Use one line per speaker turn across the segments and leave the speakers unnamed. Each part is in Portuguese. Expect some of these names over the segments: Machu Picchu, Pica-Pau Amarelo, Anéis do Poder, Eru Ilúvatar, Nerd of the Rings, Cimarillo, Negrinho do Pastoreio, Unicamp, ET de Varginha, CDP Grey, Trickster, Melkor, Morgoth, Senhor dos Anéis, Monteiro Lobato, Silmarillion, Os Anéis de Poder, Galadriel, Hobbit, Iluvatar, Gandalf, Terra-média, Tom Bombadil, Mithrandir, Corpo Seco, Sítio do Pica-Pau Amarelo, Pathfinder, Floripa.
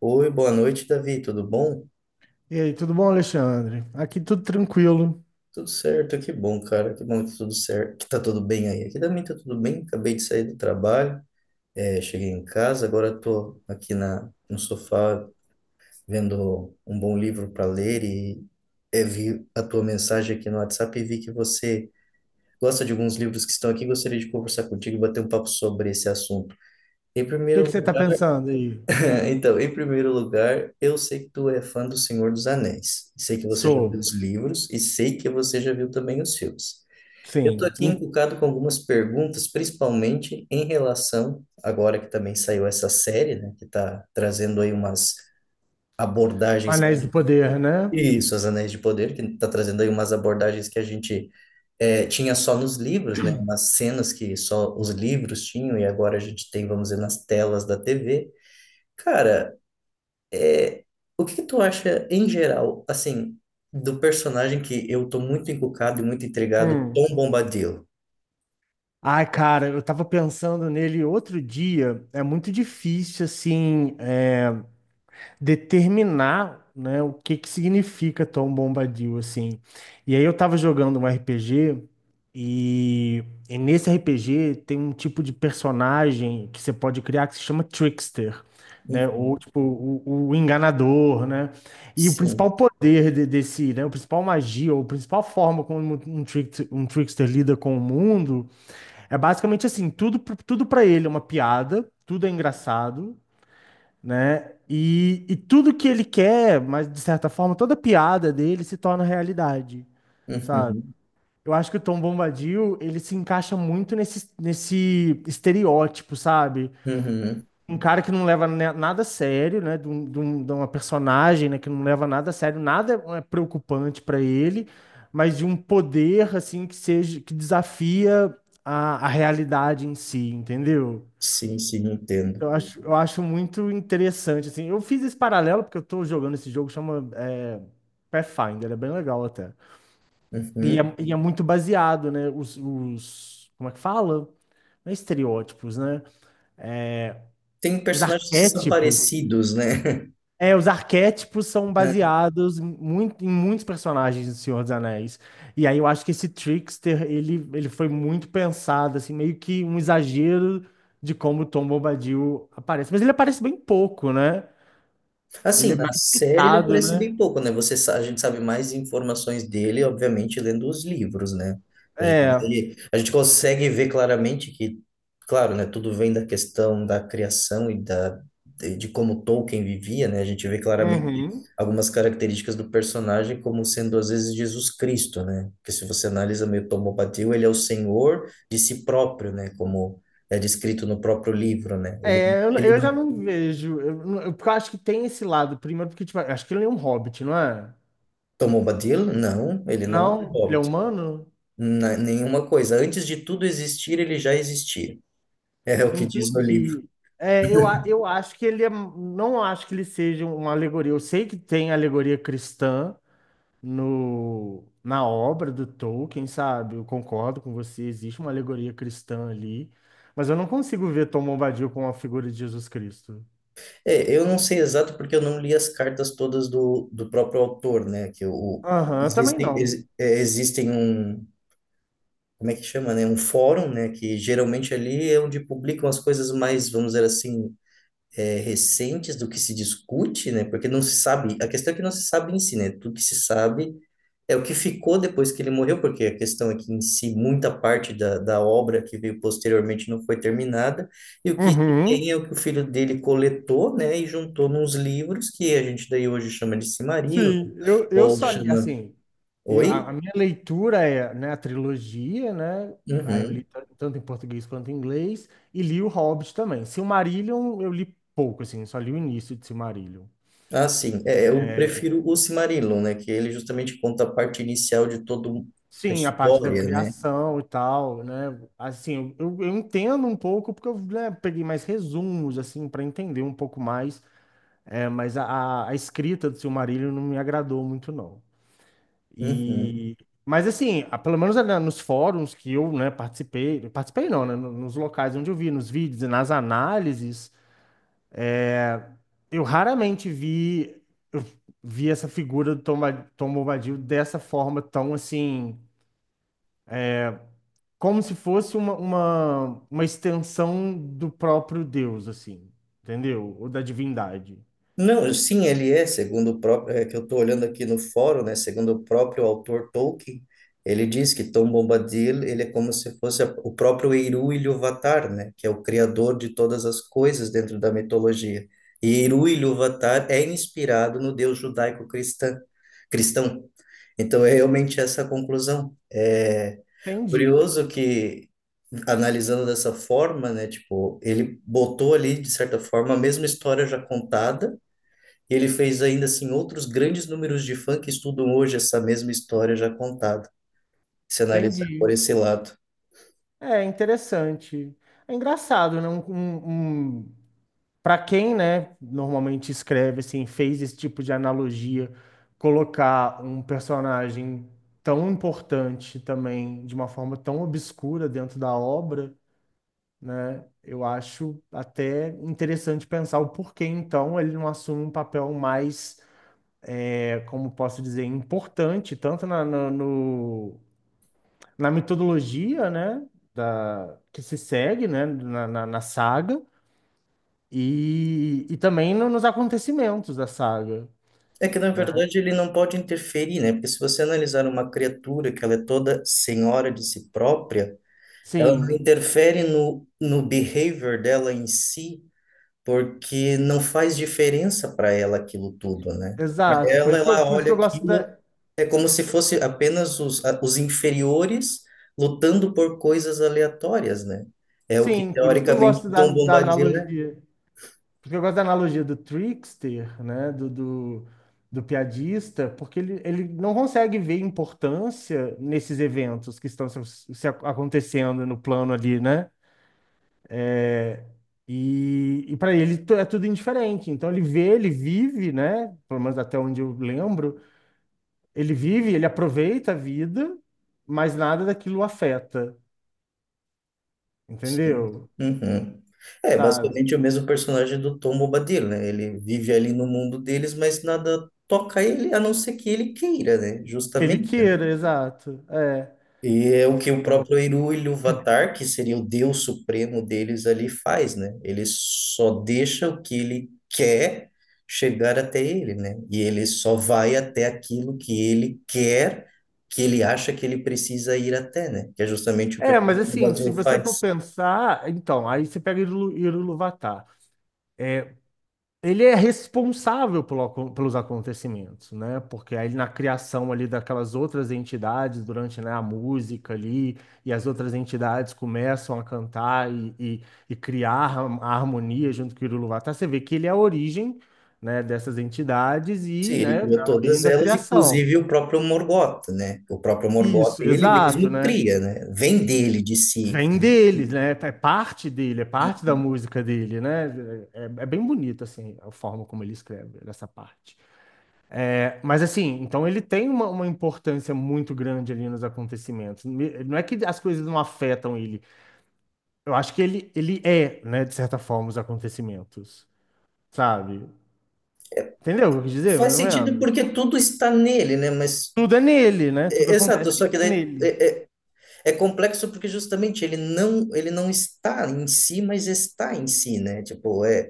Oi, boa noite, Davi. Tudo bom?
E aí, tudo bom, Alexandre? Aqui tudo tranquilo. O
Tudo certo, que bom, cara. Que bom que tudo certo, que tá tudo bem aí. Aqui também tá tudo bem. Acabei de sair do trabalho, cheguei em casa, agora tô aqui no sofá vendo um bom livro para ler e vi a tua mensagem aqui no WhatsApp e vi que você gosta de alguns livros que estão aqui. Gostaria de conversar contigo e bater um papo sobre esse assunto. Em
que que
primeiro.
você está pensando aí?
Então, em primeiro lugar, eu sei que tu é fã do Senhor dos Anéis. Sei que você já viu
Sou,
os livros e sei que você já viu também os filmes. Eu estou
sim,
aqui
em
encucado com algumas perguntas, principalmente em relação, agora que também saiu essa série, né, que está trazendo aí umas abordagens,
Anéis do Poder, né?
isso, Os Anéis de Poder, que está trazendo aí umas abordagens que a gente tinha só nos livros, né, umas cenas que só os livros tinham e agora a gente tem, vamos dizer, nas telas da TV. Cara, é, o que que tu acha em geral, assim, do personagem que eu tô muito encucado e muito intrigado,
Hum.
Tom Bombadil?
Ai, cara, eu tava pensando nele outro dia. É muito difícil, assim, determinar, né, o que que significa Tom Bombadil, assim. E aí eu tava jogando um RPG e, e nesse RPG tem um tipo de personagem que você pode criar que se chama Trickster, né, ou
Uhum,
tipo o enganador, né? E o
sim.
principal poder desse, né, o principal magia, ou a principal forma como um trickster lida com o mundo é basicamente assim, tudo para ele é uma piada, tudo é engraçado, né? E tudo que ele quer, mas de certa forma, toda piada dele se torna realidade, sabe?
Uhum,
Eu acho que o Tom Bombadil, ele se encaixa muito nesse estereótipo, sabe?
uhum,
Um cara que não leva nada a sério, né? De uma personagem, né? Que não leva nada a sério, nada é preocupante para ele, mas de um poder, assim, que desafia a realidade em si, entendeu?
sim, sim, entendo.
Eu acho muito interessante, assim. Eu fiz esse paralelo porque eu tô jogando esse jogo, Pathfinder, é bem legal até.
Uhum.
E é muito baseado, né? Como é que fala? Não é estereótipos, né?
Tem
Os
personagens que são
arquétipos.
parecidos, né?
É, os arquétipos são baseados em muitos personagens do Senhor dos Anéis. E aí eu acho que esse Trickster, ele foi muito pensado, assim, meio que um exagero de como o Tom Bombadil aparece. Mas ele aparece bem pouco, né? Ele
Assim,
é
na
mais
série ele
quitado,
aparece
né?
bem pouco, né? Você, a gente sabe mais informações dele, obviamente, lendo os livros, né? A gente,
É.
a gente consegue ver claramente que, claro, né? Tudo vem da questão da criação de como Tolkien vivia, né? A gente vê claramente
Uhum.
algumas características do personagem como sendo, às vezes, Jesus Cristo, né? Porque se você analisa meio Tomobadil, ele é o Senhor de si próprio, né? Como é descrito no próprio livro, né? Ele,
É,
ele
eu
não
já não vejo. Eu, não- eu- porque eu acho que tem esse lado. Primeiro, porque, tipo, eu acho que ele é um hobbit, não é?
tomou Bombadil? Não, ele não é um
Não? Ele é
hobbit.
humano?
Nenhuma coisa. Antes de tudo existir, ele já existia. É o que diz no livro.
Entendi. Eu acho que ele é. Não acho que ele seja uma alegoria. Eu sei que tem alegoria cristã no, na obra do Tolkien, sabe? Eu concordo com você, existe uma alegoria cristã ali. Mas eu não consigo ver Tom Bombadil com a figura de Jesus Cristo.
É, eu não sei exato porque eu não li as cartas todas do próprio autor, né? Que o,
Aham, eu também
existem,
não.
existem um, como é que chama, né? Um fórum, né? Que geralmente ali é onde publicam as coisas mais, vamos dizer assim, recentes do que se discute, né? Porque não se sabe, a questão é que não se sabe em si, né? Tudo que se sabe é o que ficou depois que ele morreu, porque a questão é que em si muita parte da obra que veio posteriormente não foi terminada, e o que se
Uhum.
tem é o que o filho dele coletou, né, e juntou nos livros que a gente daí hoje chama de Cimarillo,
Sim,
ou chama...
assim, eu, a
Oi?
minha leitura é, né, a trilogia, né? Aí eu li
Uhum.
tanto em português quanto em inglês e li o Hobbit também. Silmarillion eu li pouco, assim, só li o início de Silmarillion.
Ah, sim. Eu prefiro o Cimarillo, né, que ele justamente conta a parte inicial de toda a
Sim, a parte da
história, né?
criação e tal, né? Assim, eu entendo um pouco porque eu, né, peguei mais resumos, assim, para entender um pouco mais, mas a escrita do Silmarillion não me agradou muito, não.
Uhum.
E, mas assim, pelo menos nos fóruns que eu, né, participei, participei não, né, nos locais onde eu vi, nos vídeos e nas análises, eu raramente vi, eu vi essa figura do Tom Bombadil dessa forma tão assim, como se fosse uma extensão do próprio Deus, assim, entendeu? Ou da divindade.
Não, sim, ele é, segundo o próprio, é que eu estou olhando aqui no fórum, né, segundo o próprio autor Tolkien, ele diz que Tom Bombadil, ele é como se fosse o próprio Eru Ilúvatar, né, que é o criador de todas as coisas dentro da mitologia. E Eru Ilúvatar é inspirado no Deus judaico-cristão, cristão. Então é realmente essa a conclusão. É
Entendi,
curioso que analisando dessa forma, né, tipo, ele botou ali de certa forma a mesma história já contada e ele fez ainda assim outros grandes números de fã que estudam hoje essa mesma história já contada, se analisar
entendi.
por esse lado.
É interessante. É engraçado, né? Para quem, né, normalmente escreve assim, fez esse tipo de analogia, colocar um personagem tão importante também de uma forma tão obscura dentro da obra, né, eu acho até interessante pensar o porquê então ele não assume um papel mais, como posso dizer, importante tanto no, na metodologia, né, que se segue, né, na saga. E também nos acontecimentos da saga,
É que, na
né?
verdade, ele não pode interferir, né? Porque se você analisar uma criatura que ela é toda senhora de si própria, ela não
Sim,
interfere no behavior dela em si, porque não faz diferença para ela aquilo tudo, né? Para
exato.
ela, ela
Por isso
olha
que eu gosto
aquilo,
da.
é como se fosse apenas os inferiores lutando por coisas aleatórias, né? É o que
Sim, por isso que eu
teoricamente
gosto
Tom
da
Bombadil é.
analogia. Porque eu gosto da analogia do trickster, né? Do piadista, porque ele não consegue ver importância nesses eventos que estão se, acontecendo no plano ali, né? É, e para ele é tudo indiferente. Então ele vê, ele vive, né? Pelo menos até onde eu lembro. Ele vive, ele aproveita a vida, mas nada daquilo o afeta,
Sim.
entendeu?
Uhum. É
Sabe?
basicamente o mesmo personagem do Tom Bombadil, né? Ele vive ali no mundo deles, mas nada toca ele, a não ser que ele queira, né?
Que ele
Justamente.
queira, exato. É.
E é o que o próprio Eru Ilúvatar, que seria o Deus supremo deles ali, faz, né? Ele só deixa o que ele quer chegar até ele, né? E ele só vai até aquilo que ele quer, que ele acha que ele precisa ir até, né? Que é justamente o que
É,
o
mas
Trono do
assim, se
Vazio
você for
faz.
pensar, então, aí você pega Iruvatar. Ele é responsável pelo pelos acontecimentos, né? Porque aí na criação ali daquelas outras entidades, durante, né, a música ali, e as outras entidades começam a cantar e criar a harmonia junto com o irilu. Você vê que ele é a origem, né, dessas entidades
Sim,
e,
ele
né,
criou
a origem
todas
da
elas,
criação.
inclusive o próprio Morgoth, né? O próprio Morgoth,
Isso,
ele
exato,
mesmo
né?
cria, né? Vem dele, de si.
Vem deles,
E-
né? É parte dele, é
e-
parte da música dele, né? É, é bem bonito, assim, a forma como ele escreve essa parte. É, mas assim, então ele tem uma importância muito grande ali nos acontecimentos. Não é que as coisas não afetam ele. Eu acho que ele é, né, de certa forma, os acontecimentos, sabe? Entendeu o que eu quis dizer, mais
Faz
ou
sentido
menos?
porque tudo está nele, né? Mas
Tudo é nele, né? Tudo
é, exato,
acontece
só que daí
nele.
é complexo porque justamente ele não está em si, mas está em si, né?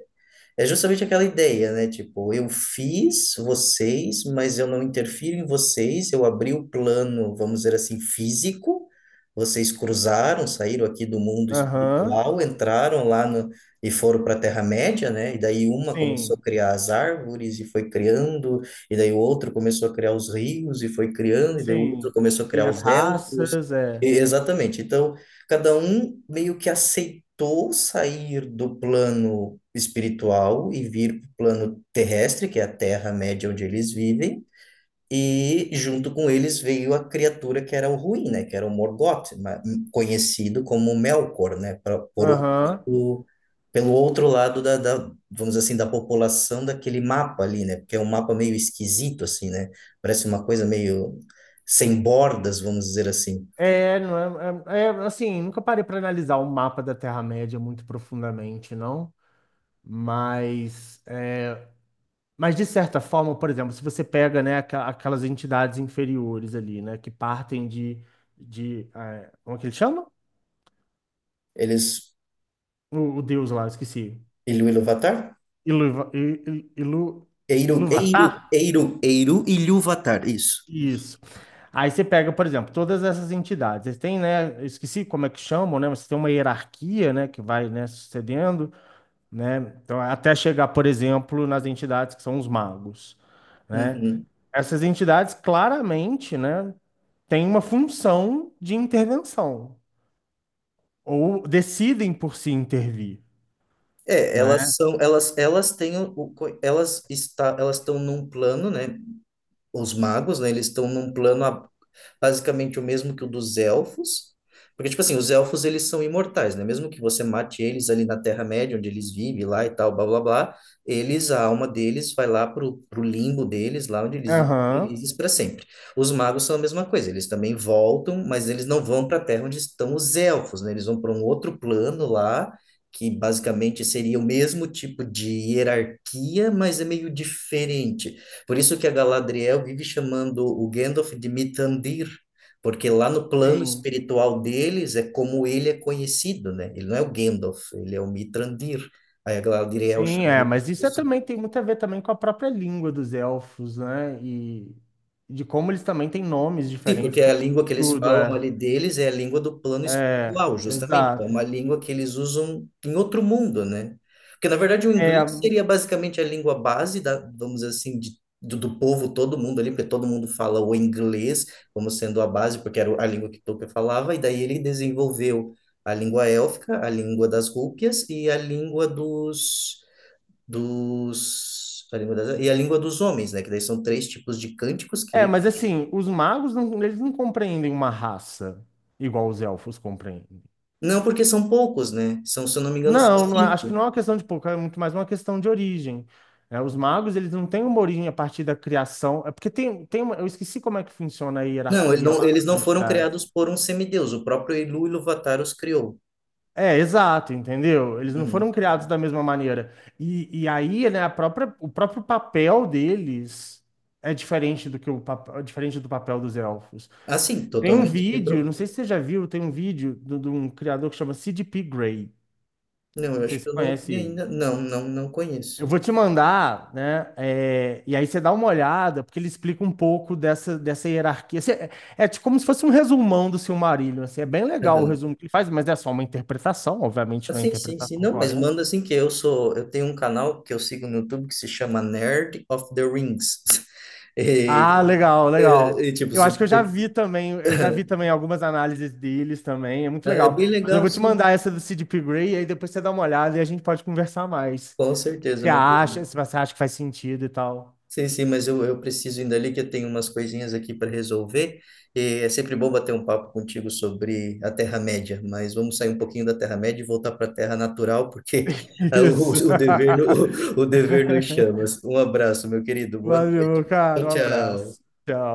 É justamente aquela ideia, né? Tipo, eu fiz vocês, mas eu não interfiro em vocês. Eu abri o plano, vamos dizer assim, físico. Vocês cruzaram, saíram aqui do mundo
Aham,
espiritual, entraram lá no, e foram para a Terra-média, né? E daí uma começou a
sim,
criar as árvores e foi criando, e daí o outro começou a criar os rios e foi criando, e daí o outro
sim.
começou a
E
criar
as
os elfos.
raças,
E-
é.
exatamente. Então, cada um meio que aceitou sair do plano espiritual e vir para o plano terrestre, que é a Terra-média onde eles vivem, e junto com eles veio a criatura que era o ruim, né? Que era o Morgoth, conhecido como Melkor, né? Por outros,
Aham.
pelo outro lado da, vamos dizer assim, da população daquele mapa ali, né? Porque é um mapa meio esquisito, assim, né? Parece uma coisa meio sem bordas, vamos dizer assim.
É, não é, é, é, assim, nunca parei para analisar o mapa da Terra-média muito profundamente, não. Mas Mas, de certa forma, por exemplo, se você pega, né, aquelas entidades inferiores ali, né, que partem de, como é que ele chama?
Eles...
O deus lá, eu esqueci.
Iluvatar?
Iluva, I- I- Ilu,
Eiro,
Iluvatar?
Eiro, Eiro, Eiro e Ilúvatar, isso.
Isso. Aí você pega, por exemplo, todas essas entidades. Eles têm, né, eu esqueci como é que chamam, né, mas tem uma hierarquia, né, que vai, né, sucedendo. Né? Então, até chegar, por exemplo, nas entidades que são os magos, né?
Uhum.
Essas entidades claramente, né, têm uma função de intervenção ou decidem por se intervir,
É, elas
né?
são, elas têm elas elas estão num plano, né? Os magos, né? Eles estão num plano basicamente o mesmo que o dos elfos. Porque, tipo assim, os elfos, eles são imortais, né? Mesmo que você mate eles ali na Terra-média, onde eles vivem lá e tal, blá, blá, blá, eles, a alma deles vai lá pro limbo deles, lá onde eles vivem
Aham,
felizes para sempre. Os magos são a mesma coisa, eles também voltam, mas eles não vão para a Terra onde estão os elfos, né? Eles vão para um outro plano lá, que basicamente seria o mesmo tipo de hierarquia, mas é meio diferente. Por isso que a Galadriel vive chamando o Gandalf de Mithrandir, porque lá no plano
sim.
espiritual deles é como ele é conhecido, né? Ele não é o Gandalf, ele é o Mithrandir. Aí a Galadriel
Sim,
chama
é,
ele.
mas isso é também tem muito a ver também com a própria língua dos elfos, né? E de como eles também têm nomes
Sim,
diferentes
porque é a
para
língua que eles
tudo,
falam ali
é,
deles é a língua do plano
é,
espiritual, justamente. É
exato.
uma língua que eles usam em outro mundo, né? Porque, na verdade, o
É.
inglês seria basicamente a língua base da, vamos dizer assim, do povo, todo mundo ali, porque todo mundo fala o inglês como sendo a base, porque era a língua que Tolkien falava, e daí ele desenvolveu a língua élfica, a língua das rúpias e a língua a língua e a língua dos homens, né? Que daí são três tipos de cânticos que
É,
ele.
mas assim, os magos não, eles não compreendem uma raça igual os elfos compreendem.
Não, porque são poucos, né? São, se eu não me engano, só
Não, acho que não
cinco.
é uma questão de pouco, é muito mais uma questão de origem. Né? Os magos, eles não têm uma origem a partir da criação. É porque tem, tem uma, eu esqueci como é que funciona a
Não,
hierarquia lá
eles
das
não foram criados
entidades.
por um semideus. O próprio iluvatar os criou.
É, exato, entendeu? Eles não foram
Uhum.
criados da mesma maneira. E aí, né, o próprio papel deles é diferente do que é diferente do papel dos elfos.
Assim,
Tem um
totalmente sem
vídeo,
problema.
não sei se você já viu, tem um vídeo de um criador que chama CDP Grey.
Não, eu
Não sei
acho
se
que
você
eu não
conhece
vi
ele.
ainda. Não, não, não
Eu
conheço.
vou te mandar, né? E aí você dá uma olhada, porque ele explica um pouco dessa hierarquia. Assim, é, é tipo como se fosse um resumão do Silmarillion. Assim, é bem legal o
Uhum.
resumo que ele faz, mas é só uma interpretação, obviamente não é a
Assim, sim.
interpretação
Não, mas
correta.
manda assim que eu sou. Eu tenho um canal que eu sigo no YouTube que se chama Nerd of the Rings. E,
Ah, legal, legal.
e, tipo,
Eu
se
acho que eu já
você...
vi também, eu já vi também algumas análises deles também, é muito
É
legal.
bem
Mas eu
legal,
vou te
sim.
mandar essa do CDP Grey, aí depois você dá uma olhada e a gente pode conversar mais.
Com
O que
certeza,
você
meu.
acha, se você acha que faz sentido e tal.
Sim, sim, mas eu preciso ainda ali que eu tenho umas coisinhas aqui para resolver. E é sempre bom bater um papo contigo sobre a Terra-média, mas vamos sair um pouquinho da Terra-média e voltar para a Terra natural, porque ah,
Isso.
o dever, o dever nos chama. Um abraço, meu querido. Boa noite.
Valeu, cara,
Tchau,
um abraço.
tchau.
Tchau.